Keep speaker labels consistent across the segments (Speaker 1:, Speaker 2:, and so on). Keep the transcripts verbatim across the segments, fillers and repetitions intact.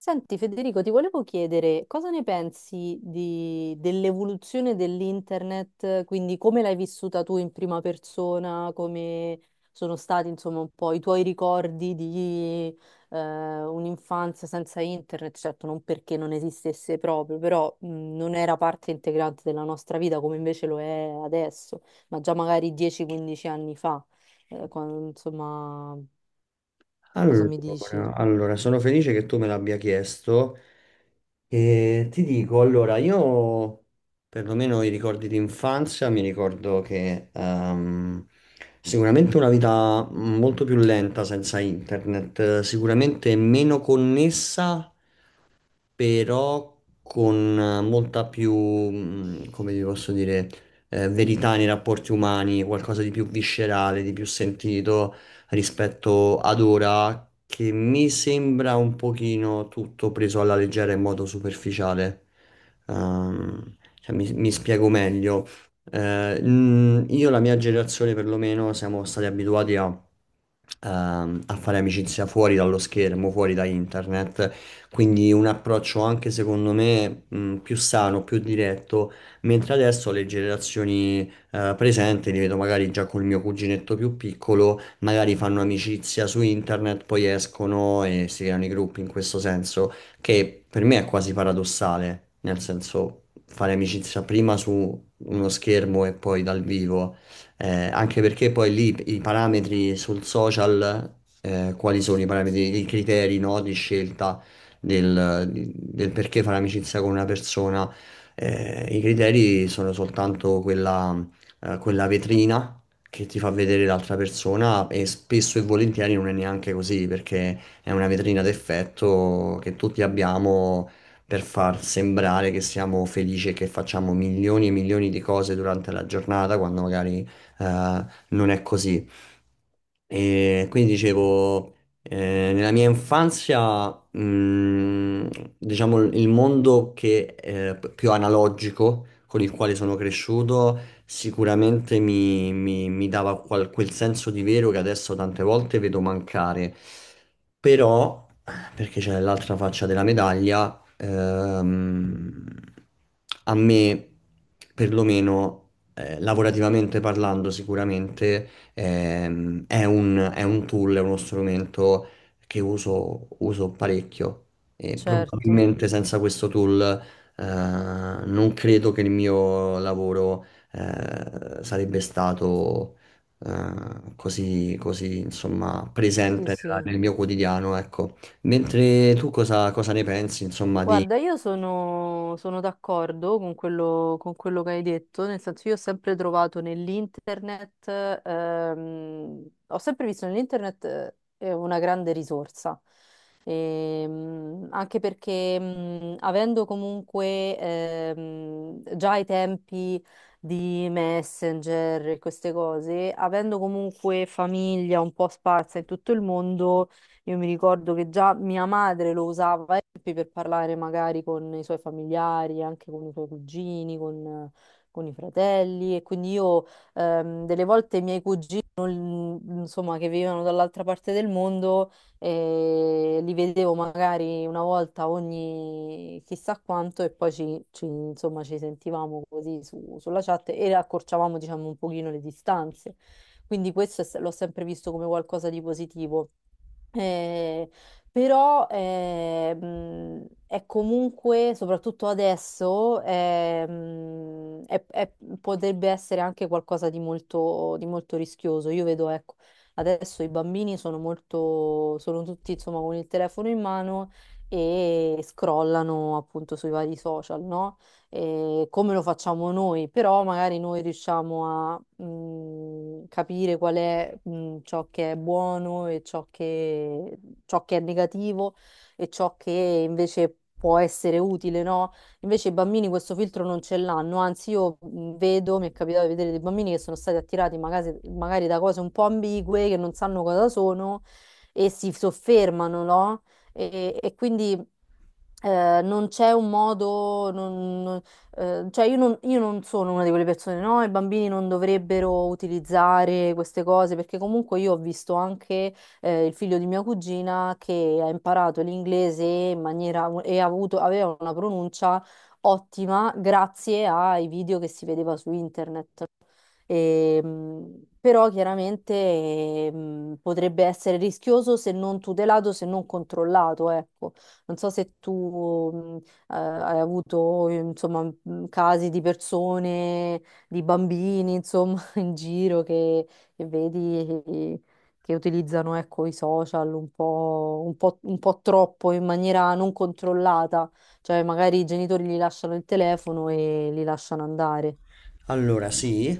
Speaker 1: Senti Federico, ti volevo chiedere cosa ne pensi di- dell'evoluzione dell'internet, quindi come l'hai vissuta tu in prima persona, come sono stati insomma un po' i tuoi ricordi di eh, un'infanzia senza internet, certo non perché non esistesse proprio, però mh, non era parte integrante della nostra vita come invece lo è adesso, ma già magari dieci quindici anni fa, Eh, quando, insomma, cosa mi dici?
Speaker 2: Allora, allora, sono felice che tu me l'abbia chiesto e ti dico, allora, io perlomeno i ricordi di infanzia mi ricordo che ehm, sicuramente una vita molto più lenta senza internet, eh, sicuramente meno connessa però con eh, molta più, mh, come vi posso dire, eh, verità nei rapporti umani, qualcosa di più viscerale, di più sentito rispetto ad ora, che mi sembra un pochino tutto preso alla leggera in modo superficiale. Ehm, cioè, mi, mi spiego meglio. Eh, mm, io e la mia generazione perlomeno siamo stati abituati a, ehm, a fare amicizia fuori dallo schermo, fuori da internet. Quindi un approccio anche secondo me mh, più sano, più diretto, mentre adesso le generazioni eh, presenti, li vedo magari già col mio cuginetto più piccolo, magari fanno amicizia su internet, poi escono e si creano i gruppi in questo senso, che per me è quasi paradossale, nel senso fare amicizia prima su uno schermo e poi dal vivo, eh, anche perché poi lì i parametri sul social, eh, quali sono i parametri, i criteri, no, di scelta? Del, del perché fare amicizia con una persona. Eh, i criteri sono soltanto quella, eh, quella vetrina che ti fa vedere l'altra persona e spesso e volentieri non è neanche così, perché è una vetrina d'effetto che tutti abbiamo per far sembrare che siamo felici e che facciamo milioni e milioni di cose durante la giornata quando magari eh, non è così. E quindi dicevo, eh, nella mia infanzia, mh, diciamo, il il mondo che è p- più analogico con il quale sono cresciuto sicuramente mi, mi- mi dava qual- quel senso di vero che adesso tante volte vedo mancare. Però, perché c'è l'altra faccia della medaglia, ehm, a me, perlomeno, eh, lavorativamente parlando, sicuramente. Ehm, è un, è un tool, è uno strumento che uso, uso parecchio e
Speaker 1: Certo,
Speaker 2: probabilmente senza questo tool eh, non credo che il mio lavoro eh, sarebbe stato eh, così, così, insomma,
Speaker 1: sì
Speaker 2: presente nella-
Speaker 1: sì.
Speaker 2: nel mio quotidiano, ecco. Mentre tu cosa, cosa ne pensi, insomma, di,
Speaker 1: Guarda, io sono, sono d'accordo con quello, con quello che hai detto, nel senso io ho sempre trovato nell'internet, ehm, ho sempre visto nell'internet eh, eh, una grande risorsa. Ehm, anche perché mh, avendo comunque ehm, già i tempi di Messenger e queste cose, avendo comunque famiglia un po' sparsa in tutto il mondo, io mi ricordo che già mia madre lo usava eh, per parlare magari con i suoi familiari, anche con i suoi cugini, con, con i fratelli. E quindi io ehm, delle volte i miei cugini, non- insomma, che vivevano dall'altra parte del mondo, eh, li vedevo magari una volta ogni chissà quanto e poi ci, ci- insomma, ci sentivamo così su- sulla chat e accorciavamo, diciamo, un pochino le distanze. Quindi questo è se- l'ho sempre visto come qualcosa di positivo. Eh, però eh, mh, è comunque, soprattutto adesso, è, mh, è- è- potrebbe essere anche qualcosa di molto, di molto rischioso. Io vedo, ecco, adesso i bambini sono molto, sono tutti insomma con il telefono in mano e scrollano appunto sui vari social, no? E come lo facciamo noi, però magari noi riusciamo mh, capire qual è, mh, ciò che è buono e ciò che, ciò che è negativo e ciò che invece può essere utile, no? Invece i bambini questo filtro non ce l'hanno, anzi io mh, vedo, mi è capitato di vedere dei bambini che sono stati attirati magari, magari da cose un po' ambigue, che non sanno cosa sono e si soffermano, no? E, e quindi eh, non c'è un modo, non- non- eh, cioè io non, io non sono una di quelle persone, no, i bambini non dovrebbero utilizzare queste cose perché comunque io ho visto anche eh, il figlio di mia cugina che ha imparato l'inglese in maniera e ha avuto, aveva una pronuncia ottima grazie ai video che si vedeva su internet. E, mh, però chiaramente eh, mh, potrebbe essere rischioso se non tutelato, se non controllato, ecco. Non so se tu mh, eh, hai avuto, eh, insomma, mh, casi di persone, di bambini, insomma, in giro che, che, vedi eh, che utilizzano, ecco, i social un po', un po', un po' troppo in maniera non controllata, cioè magari i genitori gli lasciano il telefono e li lasciano andare.
Speaker 2: Allora, sì,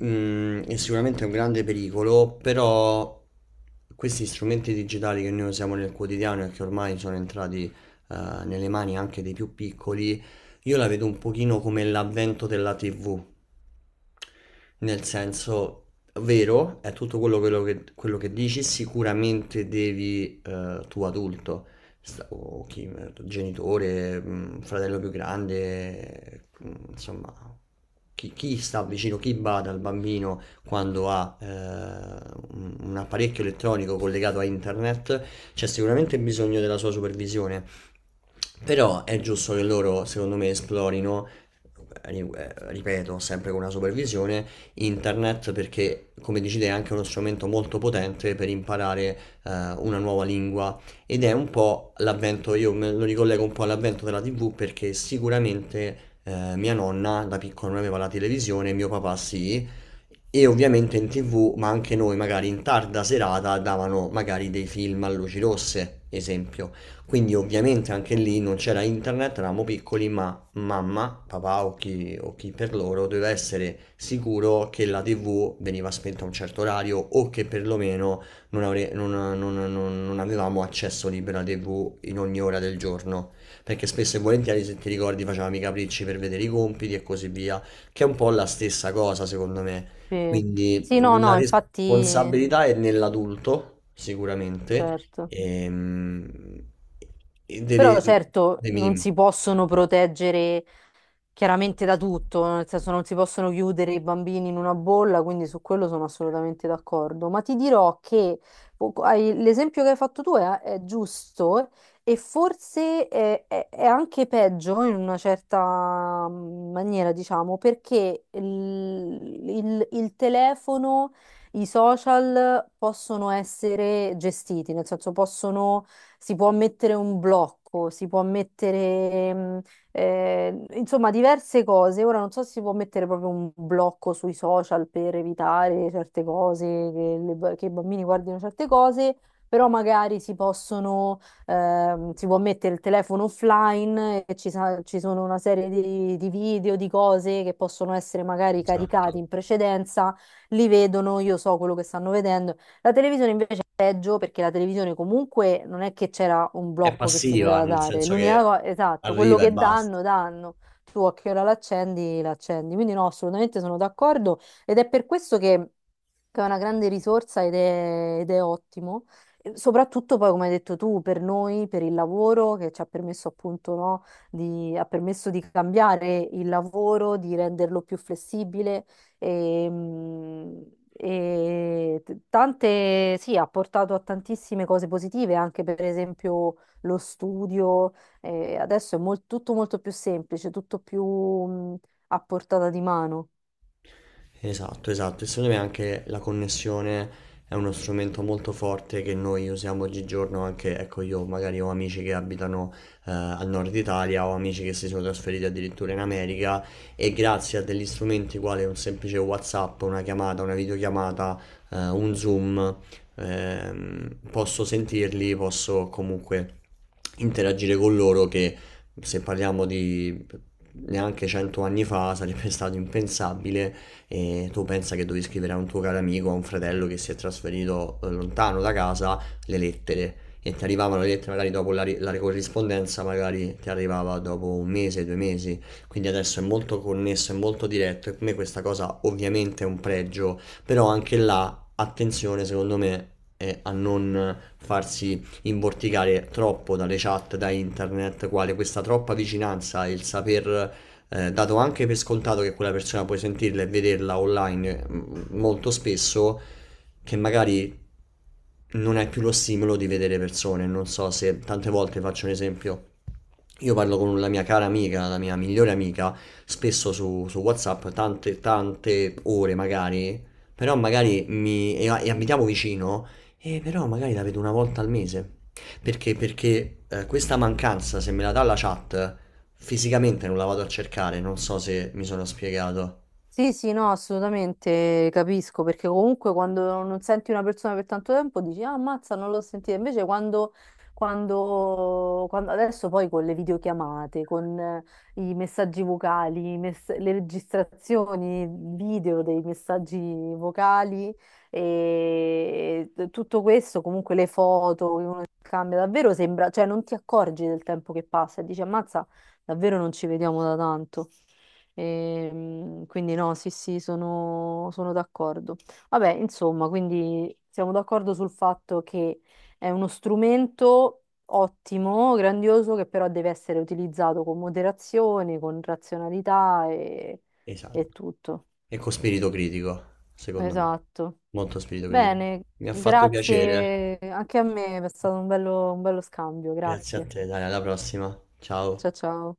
Speaker 2: mm, è sicuramente un grande pericolo, però questi strumenti digitali che noi usiamo nel quotidiano e che ormai sono entrati, eh, nelle mani anche dei più piccoli, io la vedo un pochino come l'avvento della T V. Nel senso, vero, è tutto quello, quello che, quello che dici, sicuramente devi, eh, tu adulto, sta- o chi, genitore, mh, fratello più grande, mh, insomma, chi, chi sta vicino, chi bada al bambino quando ha eh, un un apparecchio elettronico collegato a internet, c'è sicuramente bisogno della sua supervisione. Però è giusto che loro, secondo me, esplorino ri- eh, ripeto, sempre con una supervisione, internet perché, come dici te, è anche uno strumento molto potente per imparare eh, una nuova lingua, ed è un po' l'avvento, io me lo ricollego un po' all'avvento della T V perché sicuramente eh, mia nonna da piccola non aveva la televisione, mio papà sì. E ovviamente in T V, ma anche noi, magari in tarda serata, davano magari dei film a luci rosse, esempio. Quindi ovviamente anche lì non c'era internet, eravamo piccoli, ma mamma, papà o chi, o chi per loro doveva essere sicuro che la T V veniva spenta a un certo orario o che perlomeno non, avre- non- non- non- non avevamo accesso libero alla T V in ogni ora del giorno. Perché spesso e volentieri, se ti ricordi, facevamo i capricci per vedere i compiti e così via, che è un po' la stessa cosa, secondo me.
Speaker 1: Sì.
Speaker 2: Quindi
Speaker 1: Sì, no,
Speaker 2: la
Speaker 1: no, infatti,
Speaker 2: responsabilità è nell'adulto, sicuramente,
Speaker 1: certo.
Speaker 2: ehm, e deve...
Speaker 1: Però certo
Speaker 2: Dimmi,
Speaker 1: non
Speaker 2: dimmi.
Speaker 1: si possono proteggere chiaramente da tutto, nel senso non si possono chiudere i bambini in una bolla, quindi su quello sono assolutamente d'accordo. Ma ti dirò che poco- hai- l'esempio che hai fatto tu è, è giusto e forse è, è- è anche peggio in una certa mm, maniera, diciamo, perché il, il- il telefono, i social possono essere gestiti, nel senso possono, si può mettere un blocco, si può mettere eh, insomma diverse cose. Ora non so se si può mettere proprio un blocco sui social per evitare certe cose, che, le- che i bambini guardino certe cose, però magari si possono, ehm, si può mettere il telefono offline e ci, sa- ci sono una serie di, di video, di cose che possono essere magari caricati
Speaker 2: Esatto.
Speaker 1: in precedenza, li vedono, io so quello che stanno vedendo. La televisione invece peggio perché la televisione comunque non è che c'era un
Speaker 2: È
Speaker 1: blocco che si
Speaker 2: passiva,
Speaker 1: poteva
Speaker 2: nel
Speaker 1: dare.
Speaker 2: senso
Speaker 1: L'unica
Speaker 2: che
Speaker 1: cosa, esatto, quello
Speaker 2: arriva e
Speaker 1: che
Speaker 2: basta.
Speaker 1: danno, danno. Tu a che ora l'accendi, l'accendi. Quindi no, assolutamente sono d'accordo ed è per questo che, che è una grande risorsa ed è, ed è ottimo. E soprattutto poi, come hai detto tu, per noi, per il lavoro che ci ha permesso appunto, no, di, ha permesso di cambiare il lavoro, di renderlo più flessibile e, mh, e t- tante, sì, ha portato a tantissime cose positive, anche per esempio lo studio. eh, adesso è mol- tutto molto più semplice, tutto più mh, a portata di mano.
Speaker 2: Esatto, esatto. E secondo me anche la connessione è uno strumento molto forte che noi usiamo oggigiorno anche, ecco, io magari ho amici che abitano eh, al nord Italia, ho amici che si sono trasferiti addirittura in America, e grazie a degli strumenti quali un semplice WhatsApp, una chiamata, una videochiamata, eh, un Zoom, ehm, posso sentirli, posso comunque interagire con loro che se parliamo di neanche cento anni fa sarebbe stato impensabile, e tu pensa che devi scrivere a un tuo caro amico, a un fratello che si è trasferito eh, lontano da casa, le lettere. E ti arrivavano le lettere magari dopo la, ri- la corrispondenza, magari ti arrivava dopo un mese, due mesi. Quindi adesso è molto connesso, è molto diretto e per me questa cosa ovviamente è un pregio, però anche là, attenzione secondo me eh, a non farsi imborticare troppo dalle chat, da internet, quale questa troppa vicinanza e il saper eh, dato anche per scontato che quella persona puoi sentirla e vederla online mm, molto spesso, che magari non hai più lo stimolo di vedere persone. Non so se tante volte faccio un esempio. Io parlo con la mia cara amica, la mia migliore amica, spesso su, su WhatsApp, tante, tante ore magari, però magari mi, e, e abitiamo vicino, e però magari la vedo una volta al mese. Perché? Perché eh, questa mancanza, se me la dà la chat, fisicamente non la vado a cercare, non so se mi sono spiegato.
Speaker 1: Sì, sì, no, assolutamente capisco, perché comunque quando non senti una persona per tanto tempo dici, ah, ammazza, non l'ho sentita. Invece quando, quando, quando- adesso poi con le videochiamate, con eh, i messaggi vocali, i mess- le registrazioni video dei messaggi vocali e e tutto questo, comunque le foto che uno cambia, davvero sembra, cioè non ti accorgi del tempo che passa e dici, ammazza, davvero non ci vediamo da tanto. Ehm, quindi no, sì, sì, sono, sono d'accordo. Vabbè, insomma, quindi siamo d'accordo sul fatto che è uno strumento ottimo, grandioso, che però deve essere utilizzato con moderazione, con razionalità e,
Speaker 2: Esatto.
Speaker 1: e tutto.
Speaker 2: E con spirito critico, secondo me.
Speaker 1: Esatto.
Speaker 2: Molto spirito critico.
Speaker 1: Bene,
Speaker 2: Mi ha fatto piacere.
Speaker 1: grazie anche a me, è stato un bello un bello scambio,
Speaker 2: Grazie a
Speaker 1: grazie.
Speaker 2: te, dai, alla prossima.
Speaker 1: Ciao
Speaker 2: Ciao.
Speaker 1: ciao.